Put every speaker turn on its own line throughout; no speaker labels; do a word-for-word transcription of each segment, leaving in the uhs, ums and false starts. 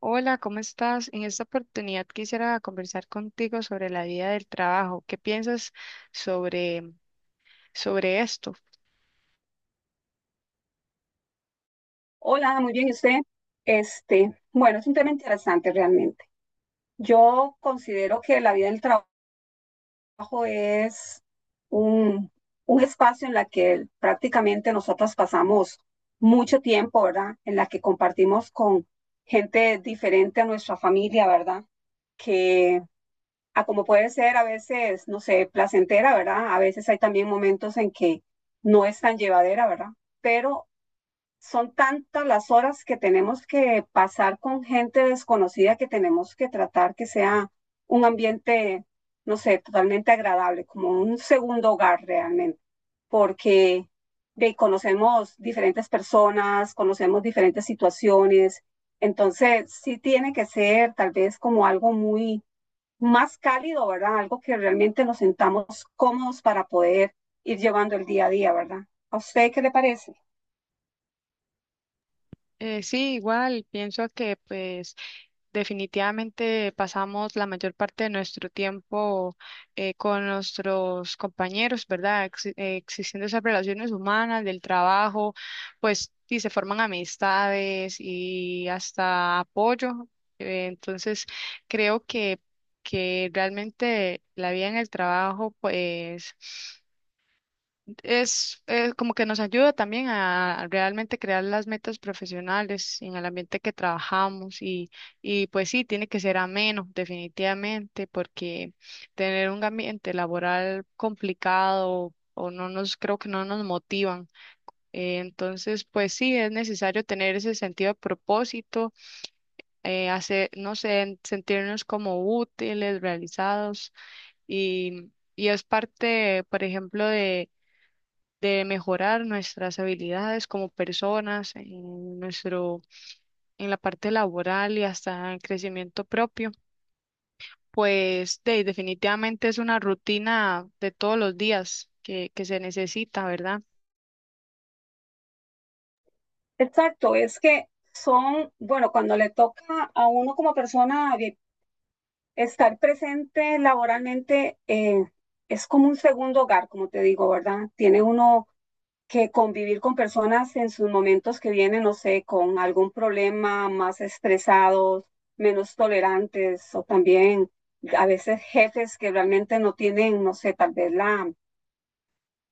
Hola, ¿cómo estás? En esta oportunidad quisiera conversar contigo sobre la vida del trabajo. ¿Qué piensas sobre, sobre esto?
Hola, muy bien, ¿y usted? Este, bueno, es un tema interesante realmente. Yo considero que la vida del trabajo es un, un espacio en la que prácticamente nosotros pasamos mucho tiempo, ¿verdad? En la que compartimos con gente diferente a nuestra familia, ¿verdad? Que, a como puede ser a veces, no sé, placentera, ¿verdad? A veces hay también momentos en que no es tan llevadera, ¿verdad? Pero son tantas las horas que tenemos que pasar con gente desconocida que tenemos que tratar que sea un ambiente, no sé, totalmente agradable, como un segundo hogar realmente, porque de, conocemos diferentes personas, conocemos diferentes situaciones, entonces sí tiene que ser tal vez como algo muy más cálido, ¿verdad? Algo que realmente nos sentamos cómodos para poder ir llevando el día a día, ¿verdad? ¿A usted qué le parece?
Eh, sí, igual, pienso que pues definitivamente pasamos la mayor parte de nuestro tiempo eh, con nuestros compañeros, ¿verdad? Exi- eh, existiendo esas relaciones humanas, del trabajo, pues, y se forman amistades y hasta apoyo. Eh, entonces, creo que, que realmente la vida en el trabajo, pues es, eh, como que nos ayuda también a realmente crear las metas profesionales en el ambiente que trabajamos y, y pues sí, tiene que ser ameno, definitivamente, porque tener un ambiente laboral complicado o no nos, creo que no nos motivan. Eh, entonces, pues sí, es necesario tener ese sentido de propósito, eh, hacer, no sé, sentirnos como útiles, realizados y... Y es parte, por ejemplo, de mejorar nuestras habilidades como personas, en nuestro, en la parte laboral y hasta en crecimiento propio, pues de- definitivamente es una rutina de todos los días que, que se necesita, ¿verdad?
Exacto, es que son, bueno, cuando le toca a uno como persona vi- estar presente laboralmente, eh, es como un segundo hogar, como te digo, ¿verdad? Tiene uno que convivir con personas en sus momentos que vienen, no sé, con algún problema, más estresados, menos tolerantes, o también a veces jefes que realmente no tienen, no sé, tal vez la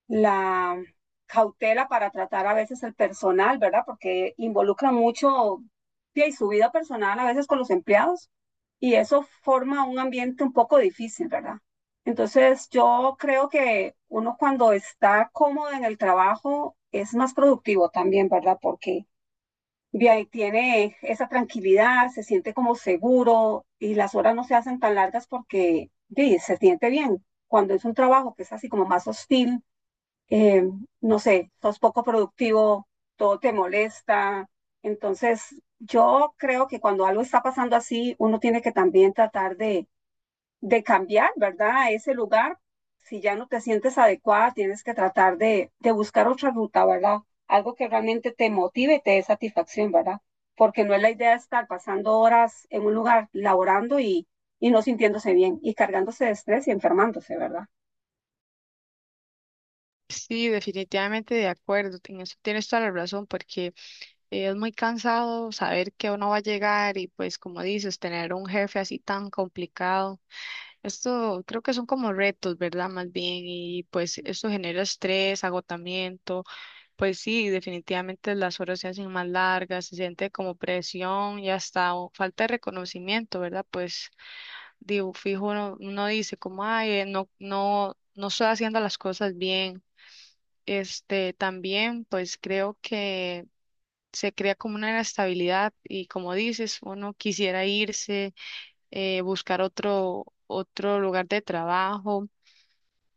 la cautela para tratar a veces el personal, ¿verdad? Porque involucra mucho y su vida personal a veces con los empleados y eso forma un ambiente un poco difícil, ¿verdad? Entonces yo creo que uno cuando está cómodo en el trabajo es más productivo también, ¿verdad? Porque de ahí tiene esa tranquilidad, se siente como seguro y las horas no se hacen tan largas porque de ahí, se siente bien. Cuando es un trabajo que es así como más hostil, eh, no sé, sos poco productivo, todo te molesta. Entonces, yo creo que cuando algo está pasando así, uno tiene que también tratar de, de cambiar, ¿verdad? Ese lugar, si ya no te sientes adecuada, tienes que tratar de, de buscar otra ruta, ¿verdad? Algo que realmente te motive y te dé satisfacción, ¿verdad? Porque no es la idea estar pasando horas en un lugar laborando y, y no sintiéndose bien y cargándose de estrés y enfermándose, ¿verdad?
Sí, definitivamente de acuerdo, en eso tienes toda la razón, porque eh, es muy cansado saber que uno va a llegar y pues como dices, tener un jefe así tan complicado. Esto creo que son como retos, ¿verdad? Más bien, y pues esto genera estrés, agotamiento, pues sí, definitivamente las horas se hacen más largas, se siente como presión y hasta o- falta de reconocimiento, ¿verdad? Pues digo, fijo, uno, uno dice como, ay, eh, no, no, no estoy haciendo las cosas bien. Este, también, pues creo que se crea como una inestabilidad y como dices, uno quisiera irse, eh, buscar otro, otro lugar de trabajo,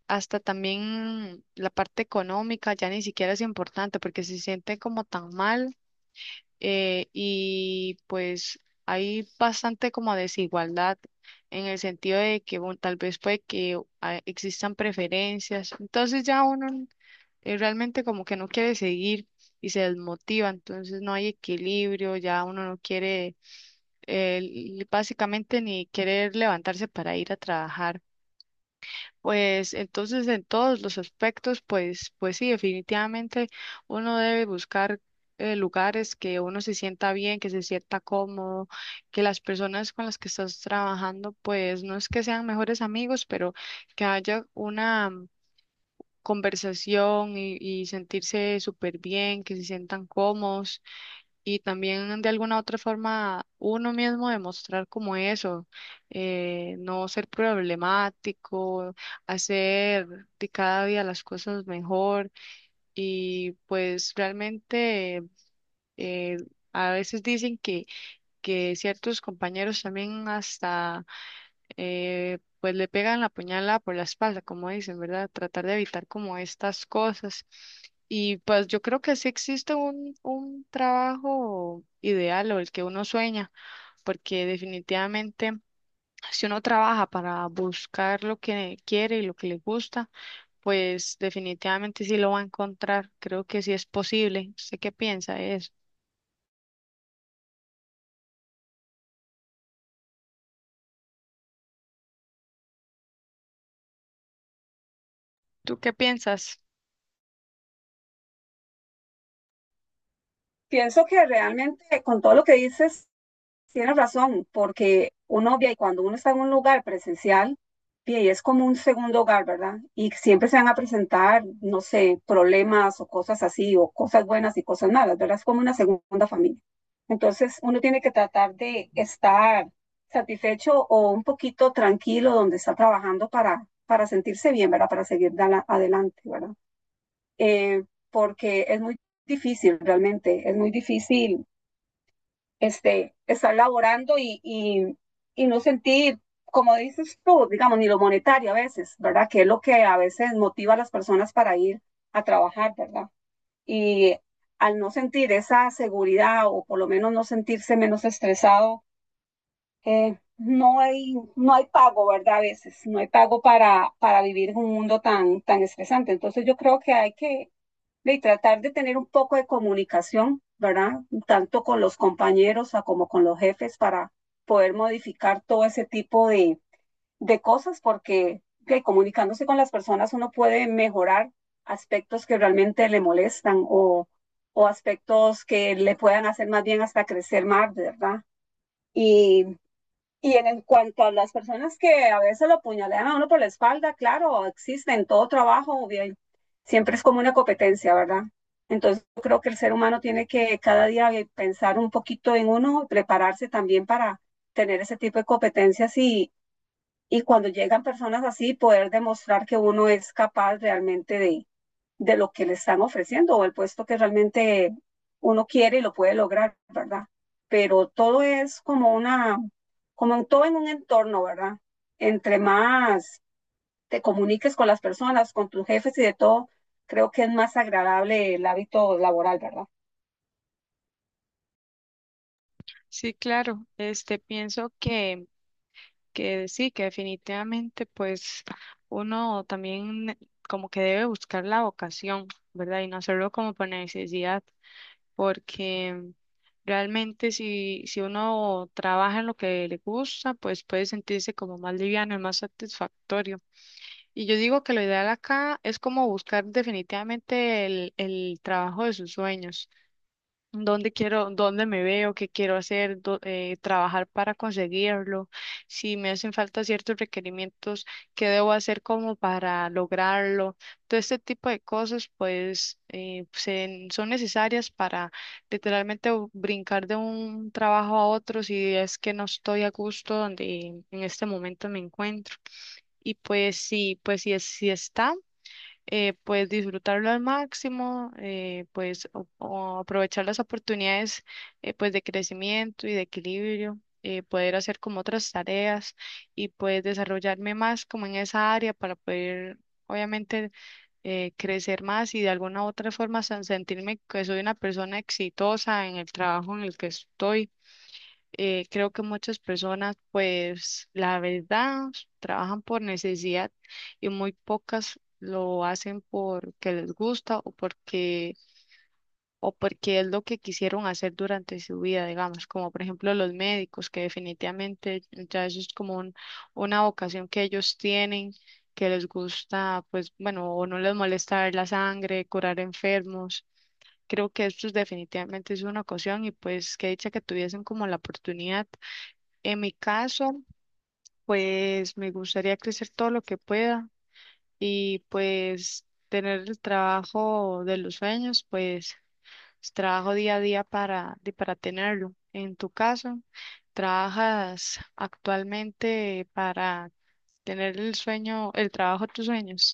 hasta también la parte económica ya ni siquiera es importante porque se sienten como tan mal, eh, y pues hay bastante como desigualdad en el sentido de que bueno, tal vez puede que ah, existan preferencias, entonces ya uno eh, realmente como que no quiere seguir y se desmotiva, entonces no hay equilibrio, ya uno no quiere, eh, básicamente ni querer levantarse para ir a trabajar. Pues entonces en todos los aspectos, pues, pues sí, definitivamente uno debe buscar eh, lugares que uno se sienta bien, que se sienta cómodo, que las personas con las que estás trabajando, pues no es que sean mejores amigos, pero que haya una mm, conversación y, y sentirse súper bien, que se sientan cómodos y también de alguna otra forma uno mismo demostrar como eso, eh, no ser problemático, hacer de cada día las cosas mejor y pues realmente eh, a veces dicen que, que ciertos compañeros también hasta eh, pues le pegan la puñalada por la espalda, como dicen, ¿verdad? Tratar de evitar como estas cosas. Y pues yo creo que sí existe un, un trabajo ideal o el que uno sueña, porque definitivamente si uno trabaja para buscar lo que quiere y lo que le gusta, pues definitivamente sí lo va a encontrar. Creo que sí es posible. ¿Usted qué piensa de eso? ¿Tú qué piensas?
Pienso que realmente con todo lo que dices, tienes razón, porque uno, ve, y cuando uno está en un lugar presencial, ve, y es como un segundo hogar, ¿verdad? Y siempre se van a presentar, no sé, problemas o cosas así, o cosas buenas y cosas malas, ¿verdad? Es como una segunda familia. Entonces, uno tiene que tratar de estar satisfecho o un poquito tranquilo donde está trabajando para, para sentirse bien, ¿verdad? Para seguir dala- adelante, ¿verdad? Eh, porque es muy difícil, realmente, es muy difícil este, estar laborando y, y, y no sentir, como dices tú, digamos, ni lo monetario a veces, ¿verdad? Que es lo que a veces motiva a las personas para ir a trabajar, ¿verdad? Y al no sentir esa seguridad o por lo menos no sentirse menos estresado, eh, no hay, no hay pago, ¿verdad? A veces, no hay pago para, para vivir en un mundo tan, tan estresante. Entonces yo creo que hay que, y tratar de tener un poco de comunicación, ¿verdad? Tanto con los compañeros como con los jefes para poder modificar todo ese tipo de, de cosas, porque que comunicándose con las personas uno puede mejorar aspectos que realmente le molestan o, o aspectos que le puedan hacer más bien hasta crecer más, ¿verdad? Y y en, en cuanto a las personas que a veces lo puñalean a uno por la espalda, claro, existe en todo trabajo, bien, siempre es como una competencia, ¿verdad? Entonces yo creo que el ser humano tiene que cada día bien, pensar un poquito en uno, y prepararse también para tener ese tipo de competencias y, y cuando llegan personas así, poder demostrar que uno es capaz realmente de, de lo que le están ofreciendo o el puesto que realmente uno quiere y lo puede lograr, ¿verdad? Pero todo es como una, como en todo en un entorno, ¿verdad? Entre más te comuniques con las personas, con tus jefes y de todo, creo que es más agradable el hábito laboral, ¿verdad?
Sí, claro. Este, pienso que que sí, que definitivamente pues uno también como que debe buscar la vocación, ¿verdad? Y no hacerlo como por necesidad, porque realmente si, si uno trabaja en lo que le gusta, pues puede sentirse como más liviano y más satisfactorio. Y yo digo que lo ideal acá es como buscar definitivamente el, el trabajo de sus sueños. Dónde quiero, dónde me veo, qué quiero hacer, dó- eh, trabajar para conseguirlo, si me hacen falta ciertos requerimientos, qué debo hacer como para lograrlo. Todo este tipo de cosas, pues, eh, se- son necesarias para literalmente u- brincar de un trabajo a otro si es que no estoy a gusto donde en este momento me encuentro. Y pues sí, pues si, es- si está eh, pues disfrutarlo al máximo, eh, pues o- o aprovechar las oportunidades, eh, pues de crecimiento y de equilibrio, eh, poder hacer como otras tareas y pues desarrollarme más como en esa área para poder obviamente eh, crecer más y de alguna u otra forma sen- sentirme que soy una persona exitosa en el trabajo en el que estoy. Eh, creo que muchas personas, pues la verdad, trabajan por necesidad y muy pocas lo hacen porque les gusta o porque, o porque es lo que quisieron hacer durante su vida, digamos, como por ejemplo los médicos, que definitivamente ya eso es como un- una vocación que ellos tienen, que les gusta, pues bueno, o no les molesta ver la sangre, curar enfermos. Creo que esto es definitivamente es una ocasión y pues que dicha que tuviesen como la oportunidad. En mi caso, pues me gustaría crecer todo lo que pueda y pues tener el trabajo de los sueños, pues trabajo día a día para, de- para tenerlo. En tu caso, ¿trabajas actualmente para tener el sueño, el trabajo de tus sueños?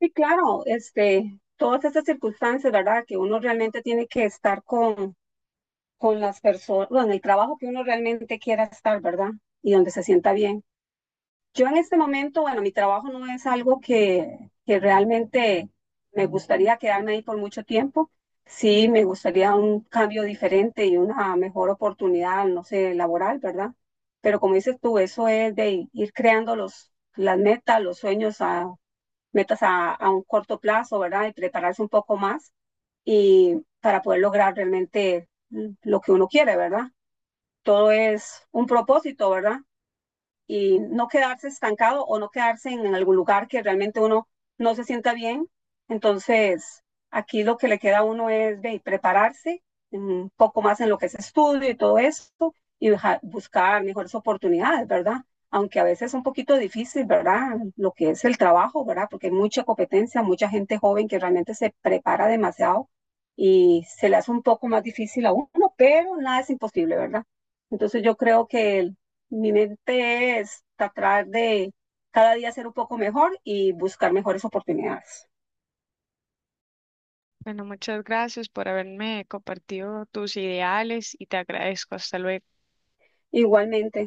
Y claro, este, todas estas circunstancias, ¿verdad? Que uno realmente tiene que estar con, con las personas, bueno, en el trabajo que uno realmente quiera estar, ¿verdad? Y donde se sienta bien. Yo en este momento, bueno, mi trabajo no es algo que, que realmente me gustaría quedarme ahí por mucho tiempo. Sí, me gustaría un cambio diferente y una mejor oportunidad, no sé, laboral, ¿verdad? Pero como dices tú, eso es de ir creando los, las metas, los sueños, a, metas a, a un corto plazo, ¿verdad? Y prepararse un poco más y para poder lograr realmente lo que uno quiere, ¿verdad? Todo es un propósito, ¿verdad? Y no quedarse estancado o no quedarse en, en algún lugar que realmente uno no se sienta bien. Entonces, aquí lo que le queda a uno es de prepararse un poco más en lo que es estudio y todo esto y buscar mejores oportunidades, ¿verdad? Aunque a veces es un poquito difícil, ¿verdad? Lo que es el trabajo, ¿verdad? Porque hay mucha competencia, mucha gente joven que realmente se prepara demasiado y se le hace un poco más difícil a uno, pero nada es imposible, ¿verdad? Entonces yo creo que mi mente es tratar de cada día ser un poco mejor y buscar mejores oportunidades.
Bueno, muchas gracias por haberme compartido tus ideales y te agradezco. Hasta luego.
Igualmente.